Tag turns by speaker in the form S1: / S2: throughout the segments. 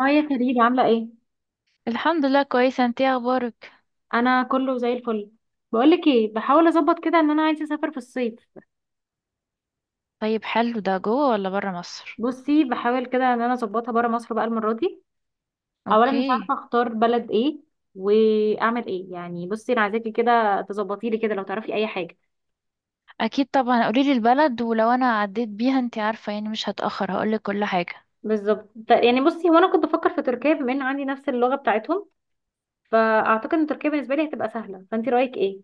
S1: اه يا كريم، عاملة ايه؟
S2: الحمد لله، كويسة. انتي إيه اخبارك؟
S1: انا كله زي الفل. بقولك ايه، بحاول اظبط كده ان انا عايزة اسافر في الصيف.
S2: طيب، حلو. ده جوه ولا برا مصر؟
S1: بصي بحاول كده ان انا اظبطها برا مصر بقى المرة دي. اولا مش
S2: اوكي.
S1: عارفة اختار بلد ايه واعمل ايه. يعني بصي، انا عايزاكي كده تظبطي لي كده لو تعرفي اي حاجة.
S2: اكيد طبعا، قوليلي البلد ولو انا عديت بيها انتي عارفة يعني مش هتأخر، هقولك كل حاجة.
S1: بالظبط. يعني بصي، هو انا كنت بفكر في تركيا بما ان عندي نفس اللغة بتاعتهم، فاعتقد ان تركيا بالنسبة لي هتبقى سهلة. فانت رأيك ايه؟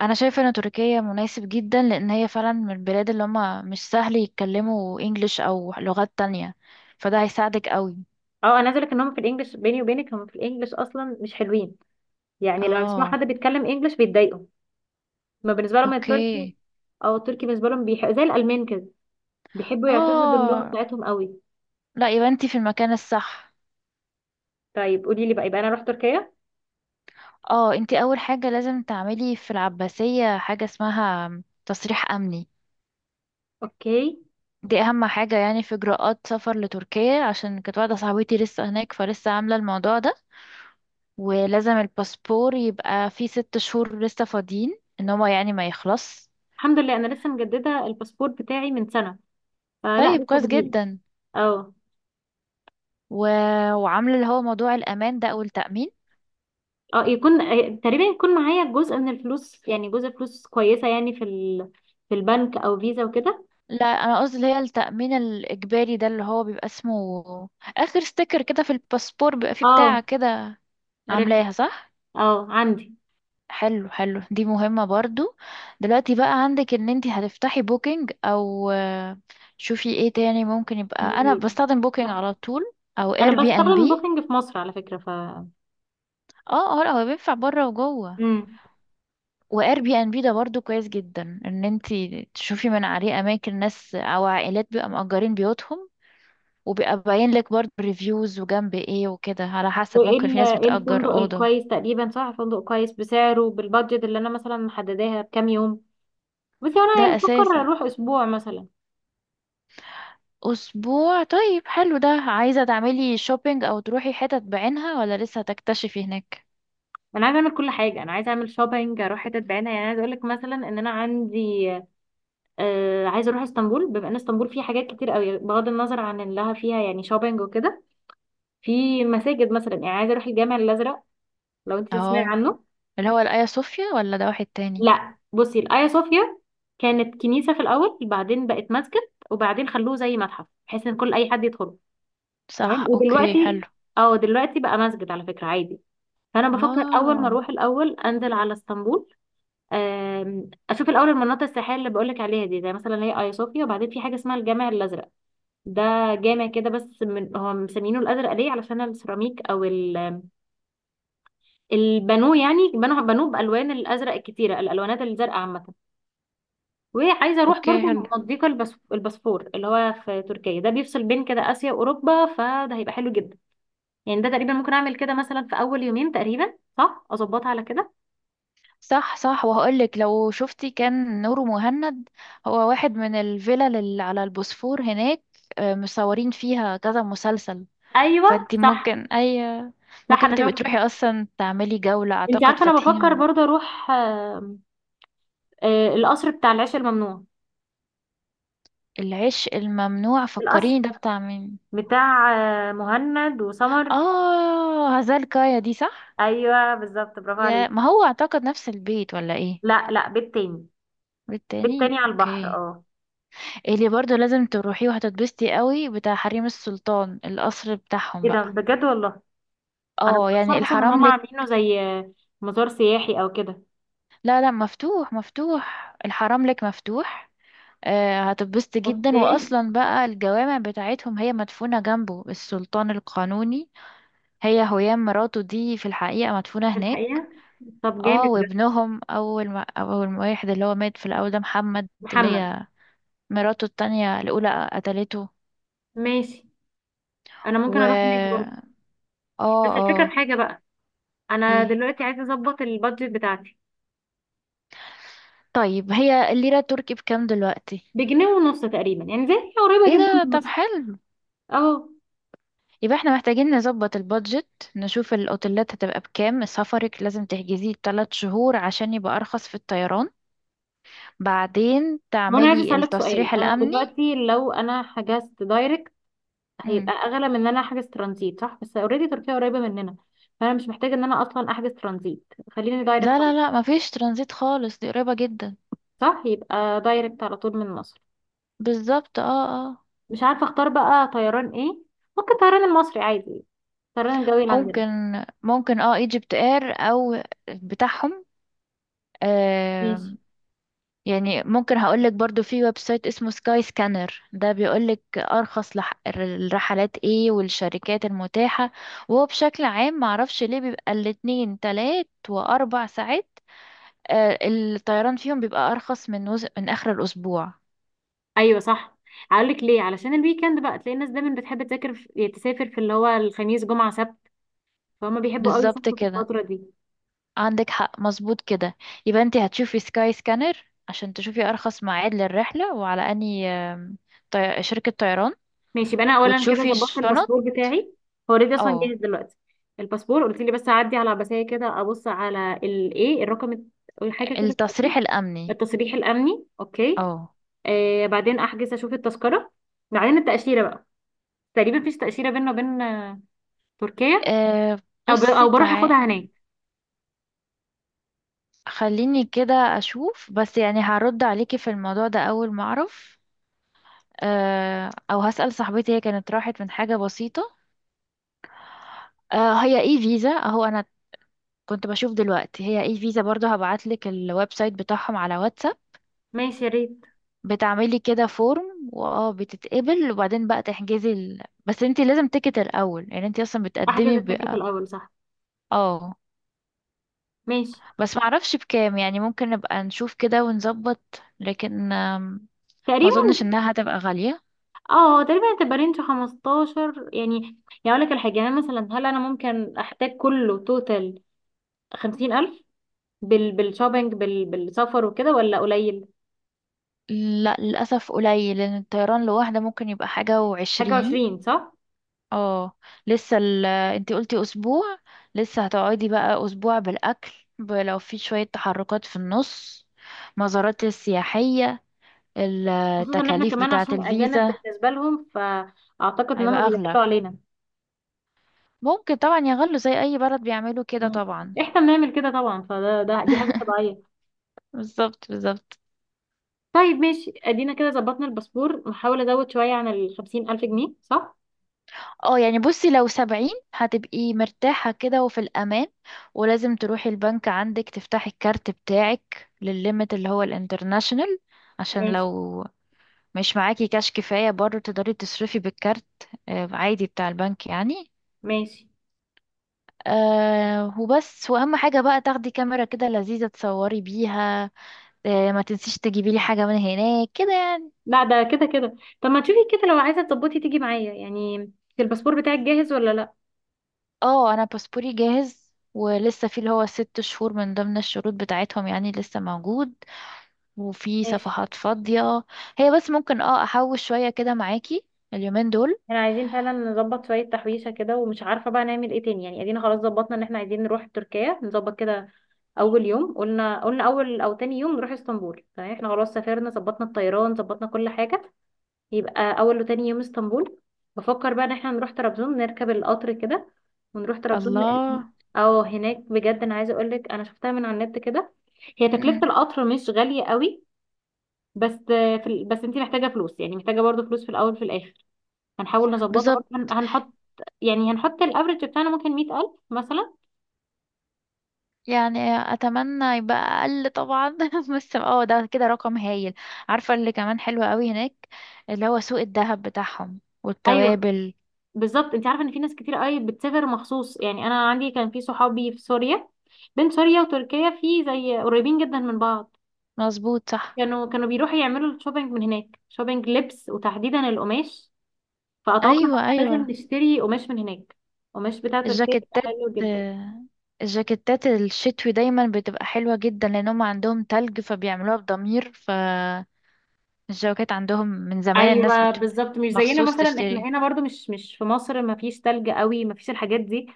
S2: انا شايفة ان تركيا مناسب جدا، لان هي فعلا من البلاد اللي هما مش سهل يتكلموا انجليش او لغات تانية، فده هيساعدك قوي.
S1: اه، انا عايزة اقولك ان هم في الانجليش، بيني وبينك هم في الانجليش اصلا مش حلوين. يعني لو بيسمعوا حد
S2: اه.
S1: بيتكلم انجليش بيتضايقوا. ما بالنسبة لهم التركي.
S2: اوكي.
S1: اه، التركي بالنسبه لهم زي الالمان كده. بيحبوا يعتزوا باللغه
S2: اه،
S1: بتاعتهم قوي.
S2: لا يبقى انتي في المكان الصح.
S1: طيب قولي لي بقى، يبقى انا اروح تركيا.
S2: اه، انتي اول حاجة لازم تعملي في العباسية حاجة اسمها تصريح امني.
S1: اوكي.
S2: دي اهم حاجة يعني في اجراءات سفر لتركيا، عشان كانت واحدة صاحبتي لسه هناك فلسه عاملة الموضوع ده. ولازم الباسبور يبقى فيه 6 شهور لسه فاضيين ان هو يعني ما يخلص.
S1: الحمد لله انا لسه مجدده الباسبور بتاعي من سنه. آه لا،
S2: طيب،
S1: لسه
S2: كويس
S1: جديده.
S2: جدا.
S1: اه
S2: و... وعاملة اللي هو موضوع الامان ده او التأمين.
S1: اه، يكون تقريبا يكون معايا جزء من الفلوس، يعني جزء فلوس كويسه، يعني في البنك او فيزا وكده.
S2: لا، انا قصدي اللي هي التأمين الاجباري ده، اللي هو بيبقى اسمه اخر ستيكر كده في الباسبور بيبقى فيه بتاع
S1: اه،
S2: كده.
S1: عرفت.
S2: عاملاها صح؟
S1: اه، عندي.
S2: حلو، حلو. دي مهمة برضو. دلوقتي بقى عندك ان انتي هتفتحي بوكينج او شوفي ايه تاني ممكن، يبقى انا
S1: في-
S2: بستخدم بوكينج على طول، او
S1: انا
S2: اير بي ان
S1: بستخدم
S2: بي.
S1: بوكينج في مصر على فكره
S2: اه، اه، هو بينفع بره وجوه.
S1: مم.
S2: واير بي ان بي ده برضو كويس جدا ان انتي تشوفي من عليه اماكن ناس او عائلات بيبقى مأجرين بيوتهم. وبيبقى باين لك برضو ريفيوز وجنب ايه وكده، على حسب ممكن في ناس
S1: إيه الفندق
S2: بتأجر أوضة.
S1: الكويس تقريبا، صح، فندق كويس بسعره بالبادجت اللي انا مثلا محدداها بكام يوم. بس هو انا يعني
S2: ده
S1: بفكر
S2: أساسي.
S1: اروح اسبوع مثلا.
S2: أسبوع؟ طيب، حلو. ده عايزة تعملي شوبينج أو تروحي حتت بعينها ولا لسه هتكتشفي هناك؟
S1: انا عايزه اعمل كل حاجه، انا عايزه اعمل شوبينج، اروح حتت بعيده. يعني عايزه اقول لك مثلا ان انا عندي، عايزه اروح اسطنبول. بما ان اسطنبول فيها حاجات كتير قوي بغض النظر عن انها فيها يعني شوبينج وكده، في مساجد مثلا. يعني عايزه اروح الجامع الازرق، لو انت تسمعي
S2: اه،
S1: عنه.
S2: اللي هو الآيا صوفيا ولا ده واحد تاني؟
S1: لا بصي، الايا صوفيا كانت كنيسه في الاول، بعدين بقت مسجد، وبعدين خلوه زي متحف بحيث ان كل اي حد يدخل.
S2: صح.
S1: تمام.
S2: أوكي، حلو.
S1: ودلوقتي اه دلوقتي بقى مسجد على فكرة، عادي. فانا بفكر اول ما
S2: اه.
S1: اروح الاول انزل على اسطنبول. اشوف الاول المناطق السياحيه اللي بقولك عليها دي، زي مثلا اللي هي ايا صوفيا. وبعدين في حاجه اسمها الجامع الازرق. ده جامع كده، بس من هو مسمينه الازرق ليه؟ علشان السيراميك البانوه، يعني بنوه بانوه بالوان الازرق الكتيره، الالوانات الزرقاء عامه. وعايزه اروح
S2: أوكي،
S1: برضو
S2: حلو.
S1: مضيق البسفور، اللي هو في تركيا ده بيفصل بين كده اسيا واوروبا، فده هيبقى حلو جدا. يعني ده تقريبا ممكن اعمل كده مثلا في اول يومين تقريبا، صح اظبطها على كده.
S2: صح، صح، وهقولك لو شفتي كان نور مهند. هو واحد من الفلل اللي على البوسفور هناك. مصورين فيها كذا مسلسل.
S1: ايوه.
S2: فانتي
S1: صح،
S2: ممكن أي.
S1: صح،
S2: ممكن
S1: انا
S2: تبقي
S1: شفت.
S2: تروحي أصلا تعملي جولة،
S1: انت
S2: أعتقد
S1: عارفه انا بفكر
S2: فاتحين.
S1: برضه اروح القصر بتاع العيش الممنوع.
S2: العشق الممنوع،
S1: القصر
S2: فكريني ده بتاع مين؟
S1: بتاع مهند وسمر.
S2: اه، هزال كايا دي صح.
S1: ايوه بالظبط، برافو عليك.
S2: يا ما، هو اعتقد نفس البيت ولا ايه؟
S1: لا، لا، بيت تاني. بيت
S2: والتاني
S1: تاني على البحر،
S2: اوكي.
S1: اه.
S2: اللي برضو لازم تروحيه وهتتبسطي قوي، بتاع حريم السلطان القصر بتاعهم
S1: ايه ده،
S2: بقى.
S1: بجد والله. انا ما
S2: اه،
S1: كنتش
S2: يعني
S1: عارفه اصلا ان هم
S2: الحرملك.
S1: عاملينه زي مزار سياحي او كده.
S2: لا، لا، مفتوح مفتوح الحرملك مفتوح. آه، هتتبسطي جدا.
S1: اوكي.
S2: واصلا بقى الجوامع بتاعتهم، هي مدفونة جنبه السلطان القانوني. هي هيام مراته دي في الحقيقة مدفونة
S1: في
S2: هناك.
S1: الحقيقه، طب
S2: اه،
S1: جامد ده.
S2: وابنهم اول ما واحد اللي هو مات في الاول ده محمد. اللي
S1: محمد.
S2: هي مراته التانية الاولى قتلته.
S1: ماشي، انا
S2: و
S1: ممكن اروح هناك
S2: اه
S1: برضه. بس الفكره في
S2: اه
S1: حاجه بقى. انا
S2: ايه؟
S1: دلوقتي عايزه اظبط البادجت بتاعتي.
S2: طيب، هي الليرة التركي بكام دلوقتي؟
S1: بجنيه ونص تقريبا، يعني زي هي قريبه
S2: ايه
S1: جدا
S2: ده؟
S1: من
S2: طب
S1: مصر.
S2: حلو.
S1: اه.
S2: يبقى احنا محتاجين نظبط البادجت. نشوف الاوتيلات هتبقى بكام، سفرك لازم تحجزيه 3 شهور عشان يبقى ارخص في الطيران. بعدين
S1: ما انا عايزه
S2: تعملي
S1: اسالك سؤال.
S2: التصريح
S1: انا
S2: الامني.
S1: دلوقتي لو انا حجزت دايركت، هيبقى
S2: مم.
S1: اغلى من ان انا احجز ترانزيت؟ صح، بس اوريدي تركيا قريبه مننا، فانا مش محتاجه ان انا اصلا احجز ترانزيت، خليني
S2: لا،
S1: دايركت على
S2: لا،
S1: طول.
S2: لا، مفيش ترانزيت خالص، دي قريبة جدا.
S1: صح، يبقى دايركت على طول من مصر.
S2: بالظبط، اه. اه.
S1: مش عارفه اختار بقى طيران ايه. ممكن طيران المصري عادي، الطيران الجوي اللي عندنا.
S2: ممكن. ممكن ايجيبت اير او بتاعهم. آه
S1: ماشي.
S2: يعني ممكن هقولك برضو في ويب سايت اسمه سكاي سكانر، ده بيقولك ارخص الرحلات ايه والشركات المتاحة. وهو بشكل عام معرفش ليه بيبقى الاتنين تلات واربع ساعات، الطيران فيهم بيبقى ارخص من من اخر الاسبوع.
S1: ايوه صح. هقول لك ليه، علشان الويكند بقى تلاقي الناس دايما بتحب تذاكر يعني تسافر في اللي هو الخميس جمعه سبت. فهم بيحبوا قوي
S2: بالظبط
S1: يسافروا في
S2: كده.
S1: الفتره دي.
S2: عندك حق، مظبوط كده. يبقى انت هتشوفي سكاي سكانر عشان تشوفي ارخص ميعاد للرحله، وعلى اني شركه طيران.
S1: ماشي، يبقى انا اولا كده
S2: وتشوفي
S1: ظبطت
S2: الشنط.
S1: الباسبور بتاعي. هو اوريدي اصلا
S2: اه،
S1: جاهز دلوقتي. الباسبور قلت لي بس اعدي على عباسيه كده، ابص على الايه، الرقم حاجه كده، التأكيد.
S2: التصريح الامني.
S1: التصريح الامني، اوكي.
S2: اه.
S1: بعدين احجز، اشوف التذكره. بعدين التاشيره بقى. تقريبا مفيش تاشيره بيننا وبين تركيا.
S2: آه، بصي
S1: او بروح اخدها
S2: تعالي.
S1: هناك.
S2: خليني كده اشوف، بس يعني هرد عليكي في الموضوع ده اول ما اعرف. او هسأل صاحبتي هي كانت راحت من حاجه بسيطه. هي اي فيزا اهو، انا كنت بشوف دلوقتي هي اي فيزا برضه، هبعتلك الويب سايت بتاعهم على واتساب.
S1: ماشي، يا ريت.
S2: بتعملي كده فورم واه بتتقبل، وبعدين بقى تحجزي بس انتي لازم تيكت الاول، يعني انتي اصلا
S1: احجز
S2: بتقدمي.
S1: التيكت الاول، صح.
S2: اه.
S1: ماشي.
S2: بس معرفش بكام، يعني ممكن نبقى نشوف كده ونظبط، لكن ما
S1: تقريبا
S2: اظنش انها هتبقى غالية.
S1: اه تقريبا هتبقى رينج 15 يعني. يعني اقول لك الحاجه، يعني مثلا هل انا ممكن احتاج كله توتال 50000 بالشوبينج بالسفر وكده ولا قليل؟
S2: لا، للاسف قليل، لان الطيران لوحده ممكن يبقى حاجة
S1: حاجه
S2: وعشرين.
S1: 20، صح.
S2: اه، لسه انتي قلتي اسبوع. لسه هتقعدي بقى اسبوع بالاكل، لو في شوية تحركات في النص، مزارات سياحية،
S1: خصوصا ان احنا
S2: التكاليف
S1: كمان
S2: بتاعة
S1: عشان اجانب
S2: الفيزا.
S1: بالنسبه لهم، فاعتقد ان هم
S2: هيبقى أغلى.
S1: بيقلوا علينا.
S2: ممكن طبعا يغلوا زي أي بلد، بيعملوا كده
S1: مم.
S2: طبعا.
S1: احنا بنعمل كده طبعا، فده ده دي حاجه طبيعيه.
S2: بالظبط، بالظبط.
S1: طيب ماشي، ادينا كده ظبطنا الباسبور، نحاول ازود شويه عن ال 50000 جنيه، صح.
S2: اه، يعني بصي لو 70 هتبقي مرتاحة كده وفي الأمان. ولازم تروحي البنك عندك تفتحي الكارت بتاعك للليمت اللي هو الانترناشنال، عشان
S1: ماشي،
S2: لو مش معاكي كاش كفاية برضه تقدري تصرفي بالكارت. عادي بتاع البنك يعني.
S1: ماشي.
S2: أه، وبس. وأهم حاجة بقى تاخدي كاميرا كده لذيذة تصوري بيها. ما تنسيش تجيبي لي حاجة من هناك كده يعني.
S1: لا ده كده كده، طب ما تشوفي كده لو عايزه تظبطي تيجي معايا يعني. الباسبور بتاعك جاهز ولا لا؟
S2: اه، انا باسبوري جاهز، ولسه في اللي هو 6 شهور من ضمن الشروط بتاعتهم يعني لسه موجود، وفي
S1: ماشي.
S2: صفحات فاضية. هي بس ممكن احوش شوية كده معاكي اليومين دول.
S1: احنا عايزين فعلا نظبط شويه تحويشه كده، ومش عارفه بقى نعمل ايه تاني. يعني ادينا خلاص ظبطنا ان احنا عايزين نروح تركيا، نظبط كده. اول يوم قلنا اول او تاني يوم نروح اسطنبول. تمام، احنا خلاص سافرنا، ظبطنا الطيران، ظبطنا كل حاجه. يبقى اول وتاني يوم اسطنبول. بفكر بقى ان احنا نروح طرابزون نركب القطر كده، ونروح طرابزون
S2: الله.
S1: هناك بجد. انا عايزه اقول لك، انا شفتها من على النت كده. هي تكلفه
S2: مم.
S1: القطر مش غاليه قوي. بس بس انت محتاجه فلوس، يعني محتاجه برضو فلوس في الاول في الاخر. هنحاول نظبطها
S2: بالظبط.
S1: برضو، هنحط، يعني هنحط الافرج بتاعنا ممكن 100000 مثلا.
S2: يعني اتمنى يبقى اقل طبعا بس ده كده رقم هايل. عارفة اللي كمان حلو قوي هناك؟ اللي هو سوق الذهب بتاعهم
S1: ايوه
S2: والتوابل.
S1: بالظبط. انت عارفه ان في ناس كتير قوي بتسافر مخصوص، يعني انا عندي كان في صحابي في سوريا. بين سوريا وتركيا في زي قريبين جدا من بعض.
S2: مظبوط، صح.
S1: كانوا بيروحوا يعملوا الشوبينج من هناك، شوبينج لبس وتحديدا القماش. فأتوقع إن
S2: ايوه،
S1: احنا
S2: ايوه.
S1: لازم نشتري قماش من هناك. قماش بتاع تركيا بيبقى
S2: الجاكيتات.
S1: حلو جدا.
S2: آه، الجاكيتات الشتوي دايما بتبقى حلوة جدا، لأن هم عندهم تلج فبيعملوها بضمير فالجواكت، عندهم من زمان الناس
S1: ايوه بالظبط، مش زينا
S2: مخصوص
S1: مثلا. احنا
S2: تشتري.
S1: هنا برضو مش في مصر، ما فيش تلج قوي، ما فيش الحاجات دي.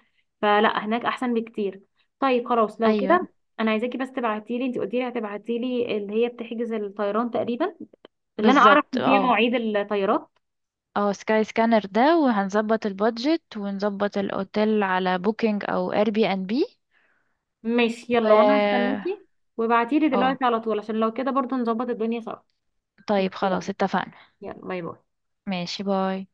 S1: فلا، هناك احسن بكتير. طيب خلاص لو
S2: أيوة.
S1: كده، انا عايزاكي بس تبعتي لي. انت قلتي لي هتبعتي لي اللي هي بتحجز الطيران تقريبا، اللي انا اعرف
S2: بالظبط،
S1: ان فيها
S2: اه.
S1: مواعيد الطيارات.
S2: اه، سكاي سكانر ده، وهنظبط البادجت ونظبط الأوتيل على بوكينج أو اير بي ان بي.
S1: ماشي يلا، وانا
S2: و
S1: هستناكي. وابعتي لي
S2: اه
S1: دلوقتي على طول، عشان لو كده برضو نظبط الدنيا سوا. ماشي،
S2: طيب خلاص،
S1: يلا.
S2: اتفقنا.
S1: يلا، باي باي.
S2: ماشي، باي.